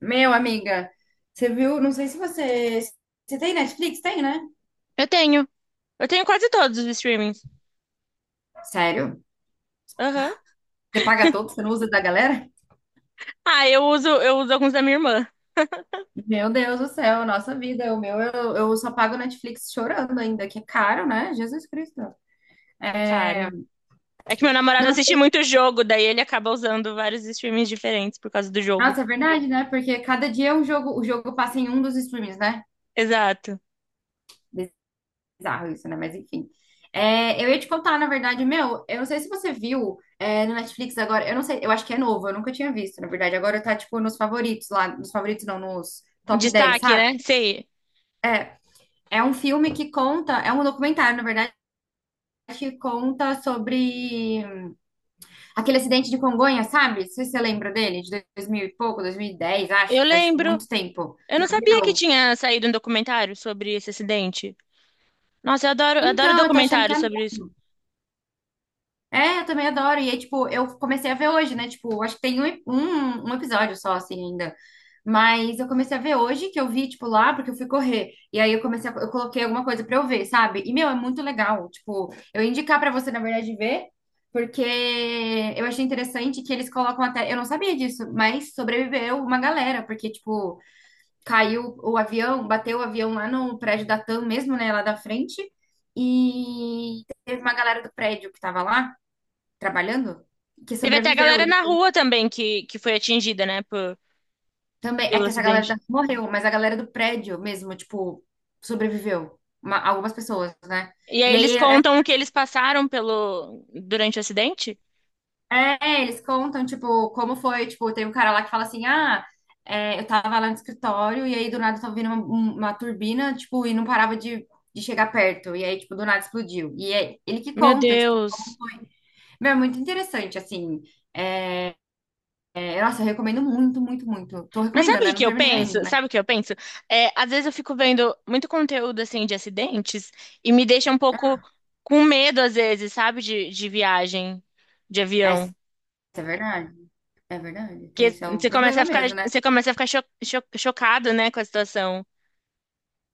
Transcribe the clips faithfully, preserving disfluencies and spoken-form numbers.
Meu, amiga, você viu? Não sei se você. Você tem Netflix? Tem, né? Eu tenho. Eu tenho quase todos os streamings. Sério? Aham. Você paga todo? Você não usa da galera? Ah, eu uso, eu uso alguns da minha irmã. Meu Deus do céu, nossa vida. O meu, eu, eu só pago Netflix chorando ainda, que é caro, né? Jesus Cristo. É É... caro. É que meu namorado Não, assiste muito jogo, daí ele acaba usando vários streamings diferentes por causa do jogo. nossa, é verdade, né? Porque cada dia o jogo, o jogo passa em um dos streams, né? Exato. Bizarro isso, né? Mas enfim. É, eu ia te contar, na verdade, meu, eu não sei se você viu é, no Netflix agora, eu não sei, eu acho que é novo, eu nunca tinha visto, na verdade. Agora tá, tipo, nos favoritos lá, nos favoritos não, nos top dez, Destaque, sabe? né? Sei. É, é um filme que conta, é um documentário, na verdade, que conta sobre aquele acidente de Congonhas, sabe? Não sei se você lembra dele, de dois mil e pouco, dois mil e dez Eu acho, faz, tipo, lembro. muito tempo, Eu do não sabia que avião. tinha saído um documentário sobre esse acidente. Nossa, eu adoro, eu adoro Então, eu tô achando que documentário é. sobre isso. É, eu também adoro. E aí, tipo, eu comecei a ver hoje, né? Tipo, acho que tem um, um, um episódio só, assim, ainda. Mas eu comecei a ver hoje, que eu vi, tipo, lá, porque eu fui correr. E aí eu comecei a, eu coloquei alguma coisa pra eu ver, sabe? E, meu, é muito legal. Tipo, eu ia indicar pra você, na verdade, ver, porque eu achei interessante que eles colocam até. Eu não sabia disso, mas sobreviveu uma galera, porque, tipo, caiu o avião, bateu o avião lá no prédio da TAM mesmo, né? Lá da frente. E teve uma galera do prédio que tava lá trabalhando, que Teve até a sobreviveu. galera E na rua também que, que foi atingida, né, por- também é pelo que essa galera acidente. da- morreu, mas a galera do prédio mesmo, tipo, sobreviveu. Uma- algumas pessoas, né? E aí E eles aí é, contam o que eles passaram pelo durante o acidente. é, é, eles contam, tipo, como foi, tipo, tem um cara lá que fala assim, ah, é, eu tava lá no escritório e aí do nada tava vindo uma, um- uma turbina, tipo, e não parava de, de chegar perto. E aí, tipo, do nada explodiu. E é ele que Meu conta, tipo, como Deus. foi. Meu, é muito interessante, assim. É, nossa, eu recomendo muito, muito, muito. Tô Mas recomendando, sabe o né? que Não que eu terminei ainda, penso? né? Sabe o que eu penso? É, às vezes eu fico vendo muito conteúdo assim de acidentes e me deixa um pouco com medo, às vezes, sabe, de, de viagem, de É avião. é verdade. É verdade. Tem Porque esse é o você começa problema a ficar, mesmo, né? você começa a ficar cho- cho- chocado, né, com a situação.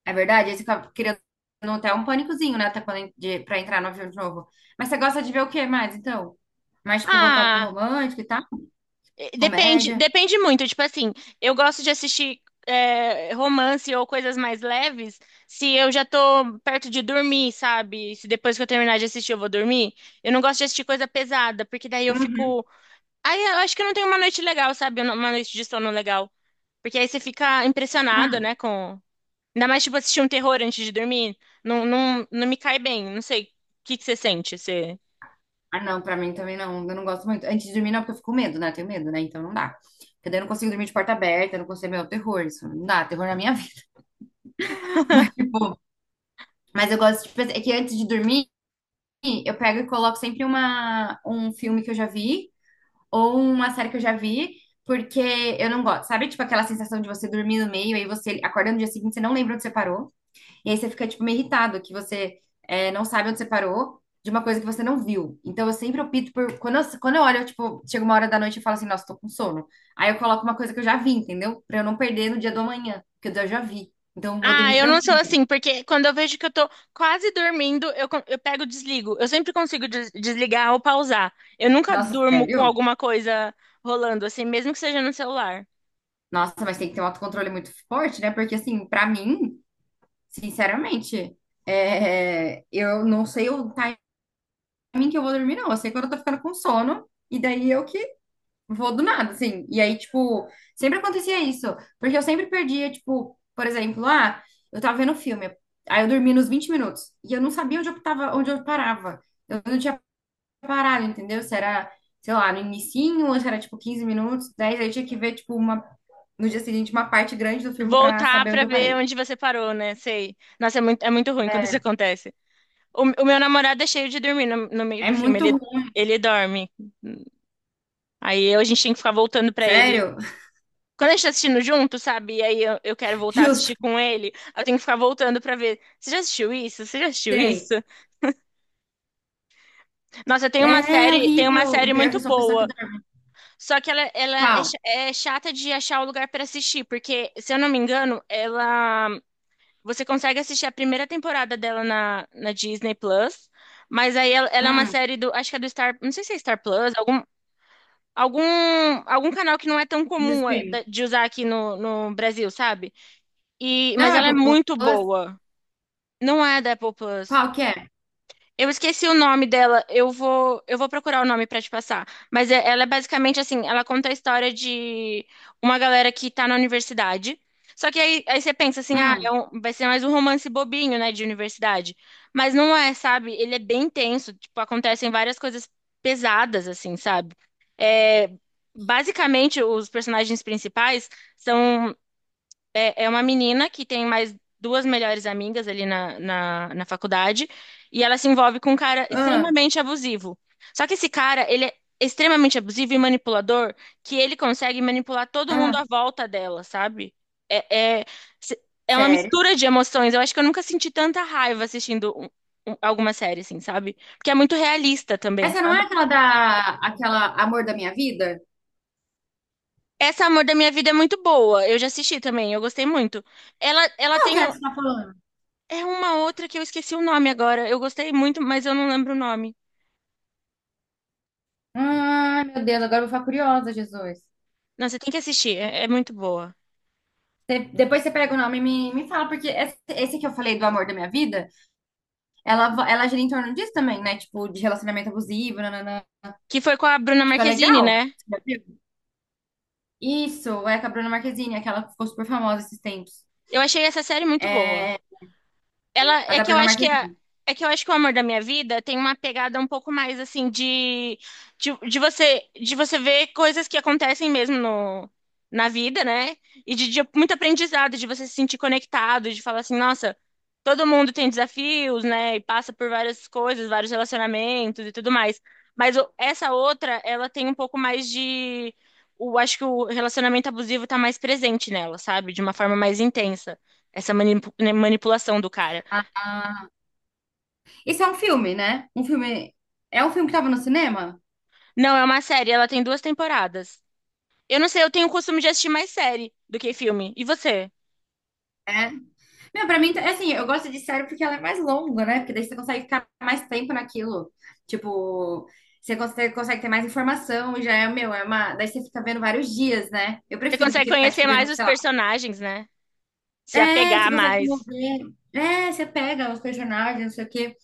É verdade, aí você fica criando até um pânicozinho, né? Até quando, en- de, pra entrar no avião de novo. Mas você gosta de ver o que mais, então? Mais, tipo, voltado pro Ah, romântico e tal? eh, depende, Comédia? depende muito. Tipo assim, eu gosto de assistir eh, romance ou coisas mais leves se eu já tô perto de dormir, sabe? Se depois que eu terminar de assistir eu vou dormir. Eu não gosto de assistir coisa pesada, porque daí eu Uhum. fico. Aí eu acho que eu não tenho uma noite legal, sabe? Uma noite de sono legal. Porque aí você fica impressionado, Hum. né? Com... Ainda mais, tipo, assistir um terror antes de dormir. Não, não, não me cai bem. Não sei. O que que você sente? Você... Ah, não, pra mim também não. Eu não gosto muito. Antes de dormir, não, porque eu fico com medo, né? Tenho medo, né? Então não dá. Porque daí eu não consigo dormir de porta aberta, eu não consigo, meu, terror, isso não dá, terror na minha vida. Mas, tipo, mas eu gosto de pensar, é que antes de dormir, eu pego e coloco sempre uma, um filme que eu já vi, ou uma série que eu já vi, porque eu não gosto. Sabe, tipo, aquela sensação de você dormir no meio, aí você acorda no dia seguinte, você não lembra onde você parou, e aí você fica, tipo, meio irritado, que você é, não sabe onde você parou de uma coisa que você não viu. Então, eu sempre opto por... Quando eu, quando eu olho, eu, tipo, chega uma hora da noite e falo assim, nossa, tô com sono. Aí eu coloco uma coisa que eu já vi, entendeu? Pra eu não perder no dia do amanhã, porque eu já vi. Então, eu vou Ah, dormir eu não sou tranquila. assim, porque quando eu vejo que eu tô quase dormindo, eu, con- eu pego e desligo. Eu sempre consigo des- desligar ou pausar. Eu nunca Nossa, durmo com sério? alguma coisa rolando, assim, mesmo que seja no celular. Nossa, mas tem que ter um autocontrole muito forte, né? Porque, assim, pra mim... Sinceramente, é, eu não sei o timing que eu vou dormir, não. Eu sei quando eu tô ficando com sono, e daí eu que vou do nada, assim. E aí, tipo, sempre acontecia isso, porque eu sempre perdia, tipo, por exemplo, ah, eu tava vendo um filme, aí eu dormi nos vinte minutos, e eu não sabia onde eu tava, onde eu parava. Eu não tinha parado, entendeu? Se era, sei lá, no inicinho, ou se era, tipo, quinze minutos, dez aí eu tinha que ver, tipo, uma, no dia seguinte, uma parte grande do filme pra Voltar saber onde pra eu ver parei. onde você parou, né? Sei. Nossa, é muito, é muito ruim quando isso É, acontece. O, o meu namorado é cheio de dormir no, no meio é do filme. muito Ele, ruim. ele dorme. Aí eu- a gente tem que ficar voltando pra ele. Sério, Quando a gente tá assistindo junto, sabe? E aí eu, eu quero voltar a justo. assistir com ele. Eu tenho que ficar voltando pra ver. Você já assistiu isso? Você já assistiu Sei. isso? Nossa, tem uma É é série, tem uma horrível. O série pior é que muito eu sou uma pessoa que boa. dorme. Só que ela, ela é, Qual? cha- é chata de achar o lugar pra assistir. Porque, se eu não me engano, ela. Você consegue assistir a primeira temporada dela na, na Disney Plus. Mas aí ela, ela é uma Hum, série do. Acho que é do Star. Não sei se é Star Plus, algum, algum, algum canal que não é tão do comum eh, streaming. da- de usar aqui no, no Brasil, sabe? E, Não mas é ela é Apple muito Plus? boa. Não é da Apple Plus. Qual que é? Eu esqueci o nome dela. Eu vou, eu vou procurar o nome pra te passar. Mas é- ela é basicamente assim, ela conta a história de uma galera que tá na universidade. Só que aí, aí você pensa assim, ah, é Hum, um- vai ser mais um romance bobinho, né, de universidade. Mas não é, sabe? Ele é bem tenso, tipo, acontecem várias coisas pesadas, assim, sabe? É, basicamente, os personagens principais são é, é uma menina que tem mais duas melhores amigas ali na, na, na faculdade, e ela se envolve com um cara ah, extremamente abusivo. Só que esse cara, ele é extremamente abusivo e manipulador, que ele consegue manipular todo mundo à ah. volta dela, sabe? É, é, se- É uma Sério? mistura de emoções. Eu acho que eu nunca senti tanta raiva assistindo um- um- alguma série, assim, sabe? Porque é muito realista também, Essa não é sabe? aquela da... Aquela Amor da Minha Vida? Essa Amor da Minha Vida é muito boa. Eu já assisti também, eu gostei muito. Ela, ela Qual tem que é um- essa que você tá falando? é uma outra que eu esqueci o nome agora. Eu gostei muito, mas eu não lembro o nome. Ai, meu Deus, agora eu vou ficar curiosa, Jesus. Não, você tem que assistir, é, é muito boa. Você- depois você pega o nome e me, me fala, porque esse, esse que eu falei do Amor da Minha Vida, ela, va- ela gira em torno disso também, né? Tipo, de relacionamento abusivo, nananã. Que foi com a Bruna Tipo, é Marquezine, legal. né? Isso, é com a Bruna Marquezine, aquela que ficou super famosa esses tempos. Eu achei essa série muito boa. É, Ela a é da que eu Bruna acho que a- Marquezine. É que eu acho que o Amor da Minha Vida tem uma pegada um pouco mais assim de de, de você de você ver coisas que acontecem mesmo no na vida, né? E de, de muito aprendizado, de você se sentir conectado, de falar assim, nossa, todo mundo tem desafios, né? E passa por várias coisas, vários relacionamentos e tudo mais. Mas o- essa outra, ela tem um pouco mais de o acho que o relacionamento abusivo tá mais presente nela, sabe? De uma forma mais intensa essa manipu- né, manipulação do cara. Ah, ah. Esse é um filme, né? Um filme. É um filme que tava no cinema? Não, é uma série, ela tem duas temporadas. Eu não sei, eu tenho o costume de assistir mais série do que filme. E você? É. Meu, pra mim, é assim, eu gosto de série porque ela é mais longa, né? Porque daí você consegue ficar mais tempo naquilo. Tipo, você consegue, consegue ter mais informação e já é, meu, é uma. Daí você fica vendo vários dias, né? Eu Você prefiro do consegue que ficar, tipo, conhecer vendo, mais os sei lá. personagens, né? Se É, você apegar consegue se mais. mover. É, você pega os personagens, não sei o quê.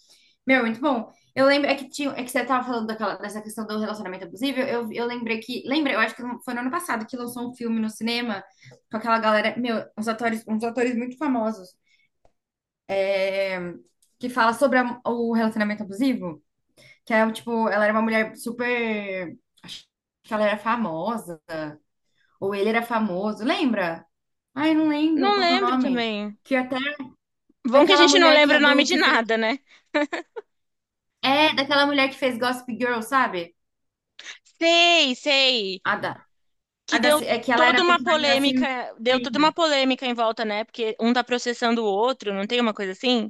Meu, muito bom. Eu lembro, é que tinha, é que você tava falando daquela, dessa questão do relacionamento abusivo, eu, eu lembrei que, lembra, eu acho que foi no ano passado que lançou um filme no cinema com aquela galera, meu, uns atores, uns atores muito famosos, é, que fala sobre a- o relacionamento abusivo, que é, tipo, ela era uma mulher super, acho que ela era famosa, ou ele era famoso, lembra? Ai, não lembro Não qual que é o lembro nome. também. Que até, Bom que a daquela gente não mulher que lembra é o nome do, de que fez, nada, né? é, daquela mulher que fez Gossip Girl, sabe? Sei, sei. A da. Que A da, deu Ci- é que ela era toda a uma personagem da polêmica, deu toda uma Serena. polêmica em volta, né? Porque um tá processando o outro, não tem uma coisa assim?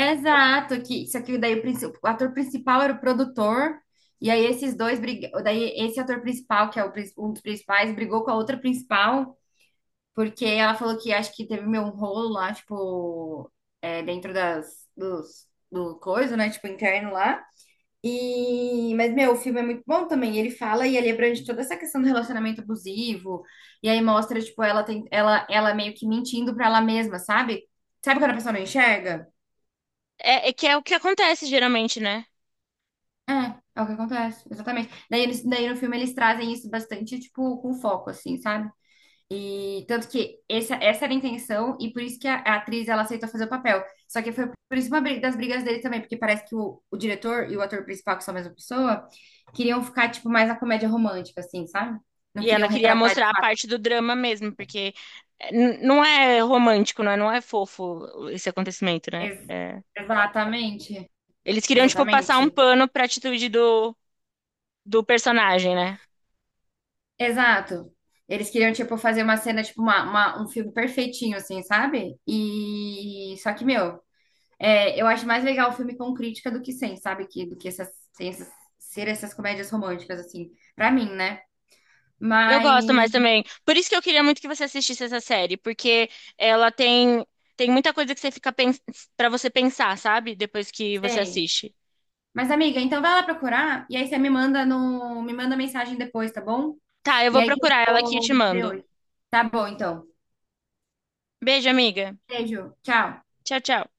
Exato, que só que daí o, princi- o ator principal era o produtor, e aí esses dois briga- daí esse ator principal, que é o prin- um dos principais, brigou com a outra principal, porque ela falou que acho que teve meio um rolo lá, tipo, é, dentro das dos, do coisa, né? Tipo, interno lá. E, mas, meu, o filme é muito bom também. Ele fala e ele abrange toda essa questão do relacionamento abusivo. E aí mostra, tipo, ela tem, ela, ela meio que mentindo pra ela mesma, sabe? Sabe quando a pessoa não enxerga? É, é que é o que acontece geralmente, né? É, é o que acontece, exatamente. Daí, eles, daí no filme eles trazem isso bastante, tipo, com foco, assim, sabe? E tanto que essa, essa era a intenção, e por isso que a, a atriz ela aceitou fazer o papel. Só que foi por isso uma briga- das brigas dele também, porque parece que o, o diretor e o ator principal, que são a mesma pessoa, queriam ficar, tipo, mais na comédia romântica, assim, sabe? Não E queriam ela queria retratar de mostrar a fato. parte do drama mesmo, porque eh, n- não é romântico, não é, não é fofo esse acontecimento, né? Ex- É. exatamente. Eles queriam, tipo, passar um Exatamente. pano pra atitude do, do personagem, né? Exato. Eles queriam, tipo, fazer uma cena, tipo, uma, uma- um filme perfeitinho, assim, sabe? E só que, meu. É, eu acho mais legal o filme com crítica do que sem, sabe? Que, do que essas, sem essas- ser essas comédias românticas, assim, pra mim, né? Eu Mas, gosto mais também. Por isso que eu queria muito que você assistisse essa série, porque ela tem, tem muita coisa que você fica pens pra você pensar, sabe? Depois que você sei. assiste. Mas, amiga, então vai lá procurar e aí você me manda no, me manda mensagem depois, tá bom? Tá, eu E vou aí que eu procurar ela aqui e vou te ver mando. hoje. Tá bom, então. Beijo, amiga. Beijo, tchau. Tchau, tchau.